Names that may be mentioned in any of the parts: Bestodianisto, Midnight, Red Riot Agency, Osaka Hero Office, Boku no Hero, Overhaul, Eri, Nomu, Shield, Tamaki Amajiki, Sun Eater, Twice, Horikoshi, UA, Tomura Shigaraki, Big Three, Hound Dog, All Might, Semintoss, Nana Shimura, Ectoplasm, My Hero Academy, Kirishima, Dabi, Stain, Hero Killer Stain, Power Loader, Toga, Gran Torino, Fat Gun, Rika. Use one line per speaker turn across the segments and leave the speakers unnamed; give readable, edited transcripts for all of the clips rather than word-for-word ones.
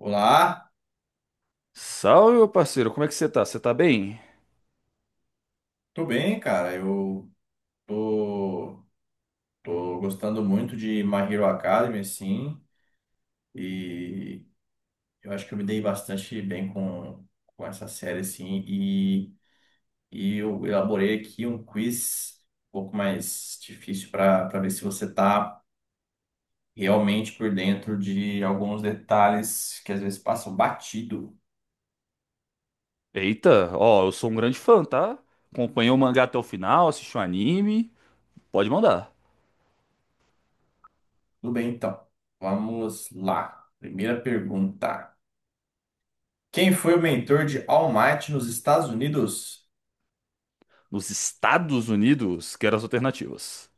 Olá,
Salve, meu parceiro, como é que você tá? Você tá bem?
tô bem, cara. Eu tô, tô gostando muito de My Hero Academy, assim, e eu acho que eu me dei bastante bem com essa série, assim, e eu elaborei aqui um quiz um pouco mais difícil para ver se você tá realmente por dentro de alguns detalhes que às vezes passam batido.
Eita, ó, eu sou um grande fã, tá? Acompanhei o mangá até o final, assisti o anime. Pode mandar.
Tudo bem, então. Vamos lá. Primeira pergunta. Quem foi o mentor de All Might nos Estados Unidos?
Nos Estados Unidos, quero as alternativas.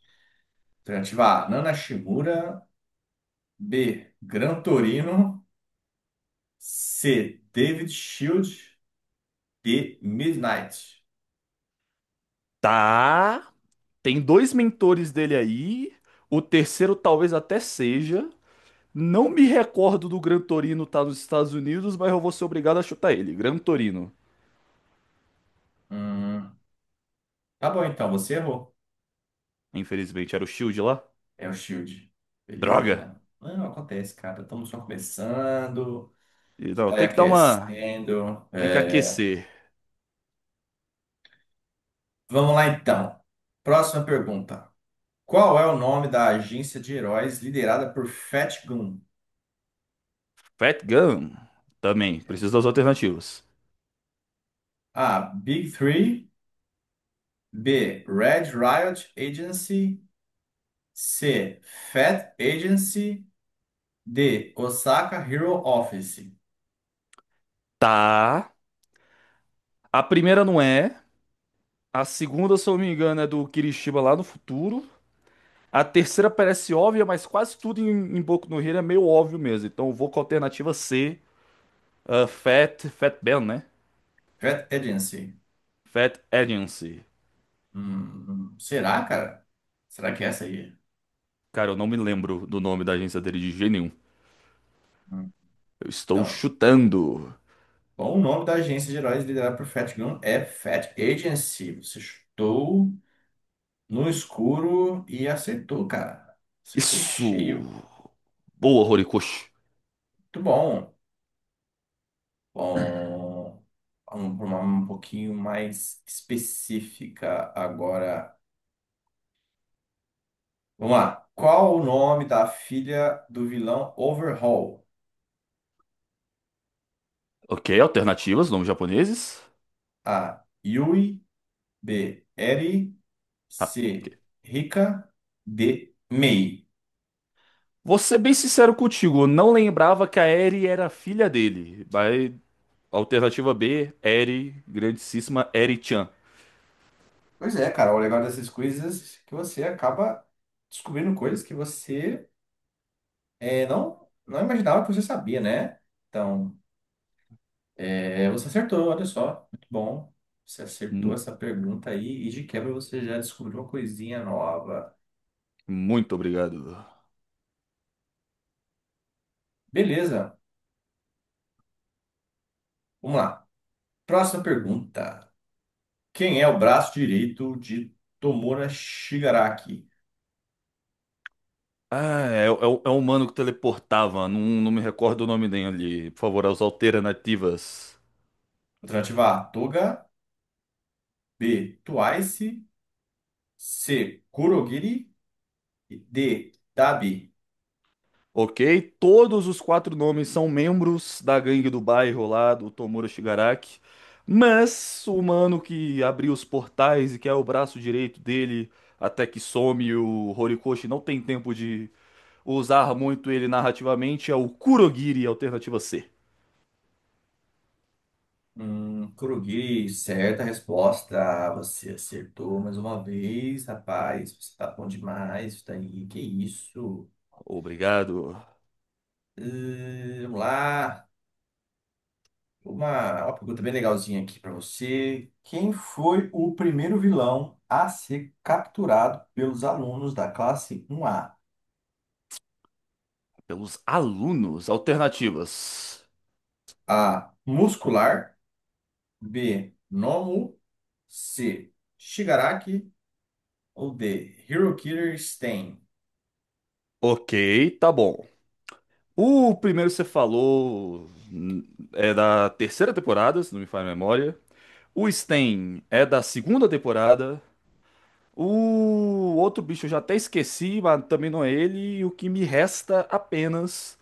Alternativa A, Nana Shimura. B, Gran Torino. C, David Shield. D, Midnight.
Tá, tem dois mentores dele aí. O terceiro talvez até seja. Não me recordo do Gran Torino tá nos Estados Unidos, mas eu vou ser obrigado a chutar ele. Gran Torino.
Hum, tá bom, então, você errou.
Infelizmente, era o Shield lá.
É o Shield.
Droga!
Beleza. Não, acontece, cara. Estamos só começando.
E não,
Está aí
tem que dar uma.
aquecendo.
Tem que
É.
aquecer.
Vamos lá, então. Próxima pergunta. Qual é o nome da agência de heróis liderada por Fat Gun?
Fat Gun também, preciso das alternativas.
A. Big Three. B. Red Riot Agency. C. Fed Agency. D. Osaka Hero Office.
Tá. A primeira não é. A segunda, se eu não me engano, é do Kirishima lá no futuro. A terceira parece óbvia, mas quase tudo em Boku no Hero é meio óbvio mesmo. Então eu vou com a alternativa C, ah, Fat Ben, né?
Fed Agency.
Fat Agency.
Será, cara? Será que é essa aí?
Cara, eu não me lembro do nome da agência dele de jeito nenhum.
Hum,
Eu estou
Então,
chutando.
bom, o nome da agência de heróis liderada por Fat Gun é Fat Agency. Você chutou no escuro e acertou, cara. Acertou em
Isso.
cheio.
Boa, Horikoshi.
Muito bom. Bom, vamos para uma um pouquinho mais específica agora. Vamos lá. Qual o nome da filha do vilão Overhaul?
Ok, alternativas, nomes japoneses.
A. Yui. B. Eri. C. Rika. D. Mei.
Vou ser bem sincero contigo, eu não lembrava que a Eri era filha dele. Mas, alternativa B, Eri, grandíssima Eri-chan.
Pois é, cara. O legal dessas coisas é que você acaba descobrindo coisas que você é, não imaginava que você sabia, né? Então, é, você acertou, olha só. Muito bom. Você acertou
Mu-
essa pergunta aí e de quebra você já descobriu uma coisinha nova.
Muito obrigado.
Beleza. Vamos lá. Próxima pergunta. Quem é o braço direito de Tomura Shigaraki?
É o humano que teleportava, não me recordo o nome dele. Por favor, as alternativas.
Alternativa A, Toga. B, Twice. C, Kurogiri. E D, Dabi.
Ok, todos os quatro nomes são membros da gangue do bairro lá do Tomura Shigaraki, mas o mano que abriu os portais e que é o braço direito dele até que some o Horikoshi não tem tempo de usar muito ele narrativamente é o Kurogiri, alternativa C.
Kurogiri, certa resposta. Você acertou mais uma vez, rapaz. Você tá bom demais. Isso daí, que isso?
Obrigado
Vamos lá. Uma pergunta bem legalzinha aqui para você. Quem foi o primeiro vilão a ser capturado pelos alunos da classe 1A?
pelos alunos, alternativas.
A. Muscular. B. Nomu. C. Shigaraki. Ou D. Hero Killer Stain.
Ok, tá bom. O primeiro que você falou hum, é da terceira temporada, se não me falha a memória. O Stain é da segunda temporada. O outro bicho eu já até esqueci, mas também não é ele. E o que me resta apenas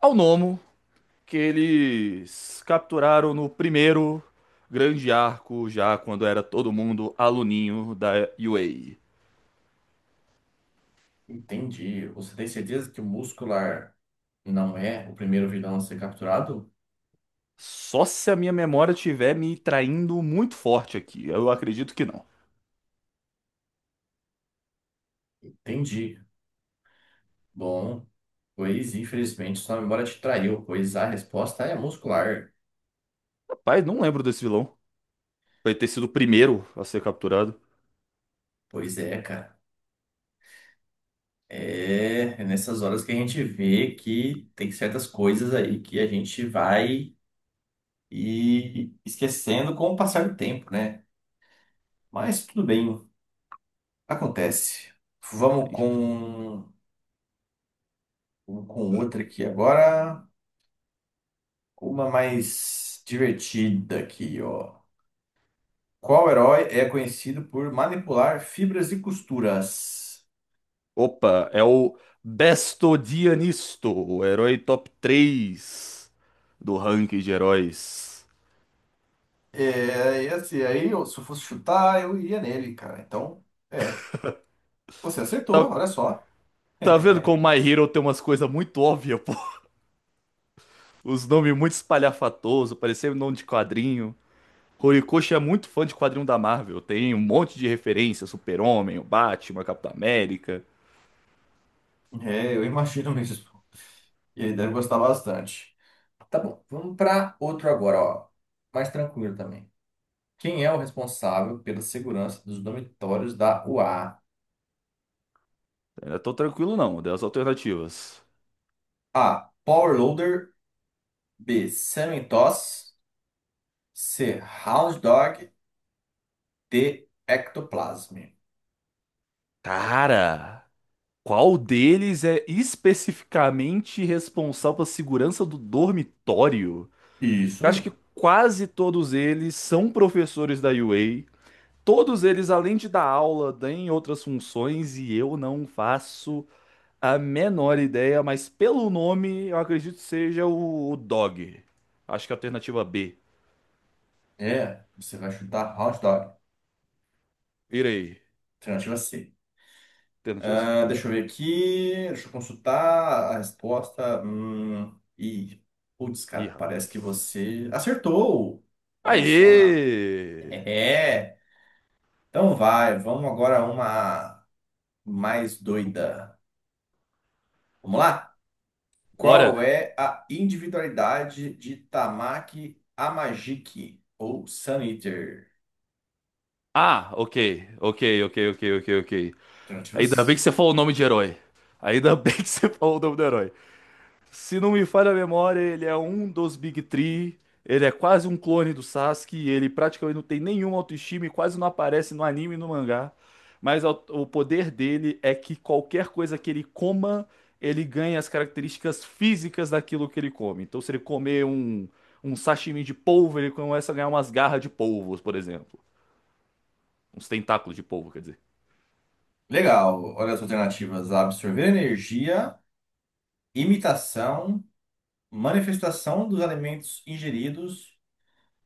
ao Nomo, que eles capturaram no primeiro grande arco, já quando era todo mundo aluninho da UA.
Entendi. Você tem certeza que o Muscular não é o primeiro vilão a ser capturado?
Só se a minha memória estiver me traindo muito forte aqui. Eu acredito que não.
Entendi. Bom, pois infelizmente sua memória te traiu, pois a resposta é Muscular.
Rapaz, não lembro desse vilão. Vai ter sido o primeiro a ser capturado.
Pois é, cara. É, é nessas horas que a gente vê que tem certas coisas aí que a gente vai e esquecendo com o passar do tempo, né? Mas tudo bem. Acontece. Vamos
Aí,
com, vamos com outra aqui agora. Uma mais divertida aqui, ó. Qual herói é conhecido por manipular fibras e costuras?
opa, é o Bestodianisto, o herói top 3 do ranking de heróis.
É, e assim, aí eu- se eu fosse chutar, eu iria nele, cara. Então, é. Você
Tá,
acertou, olha só.
tá vendo como My Hero tem umas coisas muito óbvias, pô? Os nomes muito espalhafatosos, parecendo nome de quadrinho. Horikoshi é muito fã de quadrinho da Marvel, tem um monte de referência, Super-Homem, o Batman, Capitão América.
É, eu imagino mesmo. E ele deve gostar bastante. Tá bom, vamos para outro agora, ó. Mais tranquilo também. Quem é o responsável pela segurança dos dormitórios da UA?
Eu não tô tranquilo não, das alternativas.
A. Power Loader. B. Semintoss. C. Hound Dog. D. Ectoplasm.
Cara, qual deles é especificamente responsável pela segurança do dormitório?
Isso
Eu acho que
mesmo.
quase todos eles são professores da UA. Todos eles, além de dar aula, têm outras funções e eu não faço a menor ideia, mas pelo nome eu acredito que seja o Dog. Acho que é a alternativa B.
É, você vai chutar Hound Dog.
Irei.
Alternativa C.
Alternativa C.
Ah, deixa eu
Obrigado.
ver aqui. Deixa eu consultar a resposta. Putz,
Ih,
cara, parece
rapaz.
que você acertou. Olha só.
Aê!
É. Então vai, vamos agora a uma mais doida. Vamos lá?
Bora!
Qual é a individualidade de Tamaki Amajiki ou Sun Eater?
Ah, ok, ok, ok, ok, ok, ok. Ainda bem que
Alternativas?
você falou o nome de herói. Ainda bem que você falou o nome do herói. Se não me falha a memória, ele é um dos Big Three. Ele é quase um clone do Sasuke. Ele praticamente não tem nenhuma autoestima e quase não aparece no anime e no mangá. Mas o poder dele é que qualquer coisa que ele coma, ele ganha as características físicas daquilo que ele come. Então, se ele comer um sashimi de polvo, ele começa a ganhar umas garras de polvos, por exemplo. Uns tentáculos de polvo, quer dizer.
Legal. Olha as alternativas: absorver energia, imitação, manifestação dos alimentos ingeridos,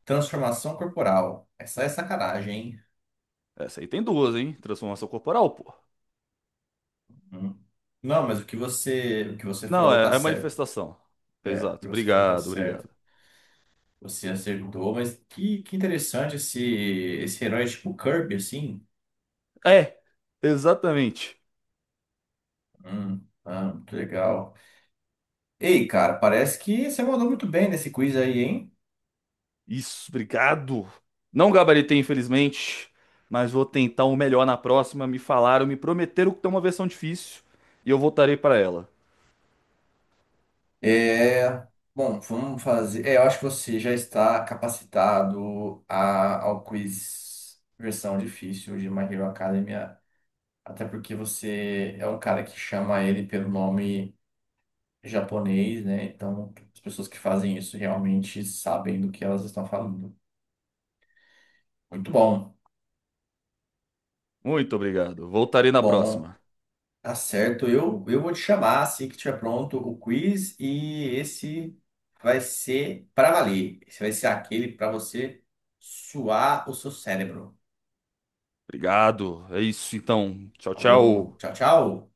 transformação corporal. Essa é sacanagem, hein?
Essa aí tem duas, hein? Transformação corporal, pô.
Hum. Não, mas o que você
Não,
falou tá
é
certo.
manifestação.
É, o
Exato.
que você falou tá
Obrigado,
certo.
obrigado.
Você acertou, mas que interessante esse, esse herói tipo Kirby, assim.
É, exatamente.
Muito legal. Ei, cara, parece que você mandou muito bem nesse quiz aí, hein?
Isso, obrigado. Não gabaritei, infelizmente, mas vou tentar o melhor na próxima. Me falaram, me prometeram que tem uma versão difícil e eu voltarei para ela.
É, bom, vamos fazer. É, eu acho que você já está capacitado a, ao quiz versão difícil de My Hero Academia, até porque você é um cara que chama ele pelo nome japonês, né? Então, as pessoas que fazem isso realmente sabem do que elas estão falando. Muito bom.
Muito obrigado. Voltarei na
Bom,
próxima.
tá certo. Eu vou te chamar assim que tiver pronto o quiz e esse vai ser para valer. Esse vai ser aquele para você suar o seu cérebro.
Obrigado. É isso então. Tchau,
Falou,
tchau.
tchau, tchau.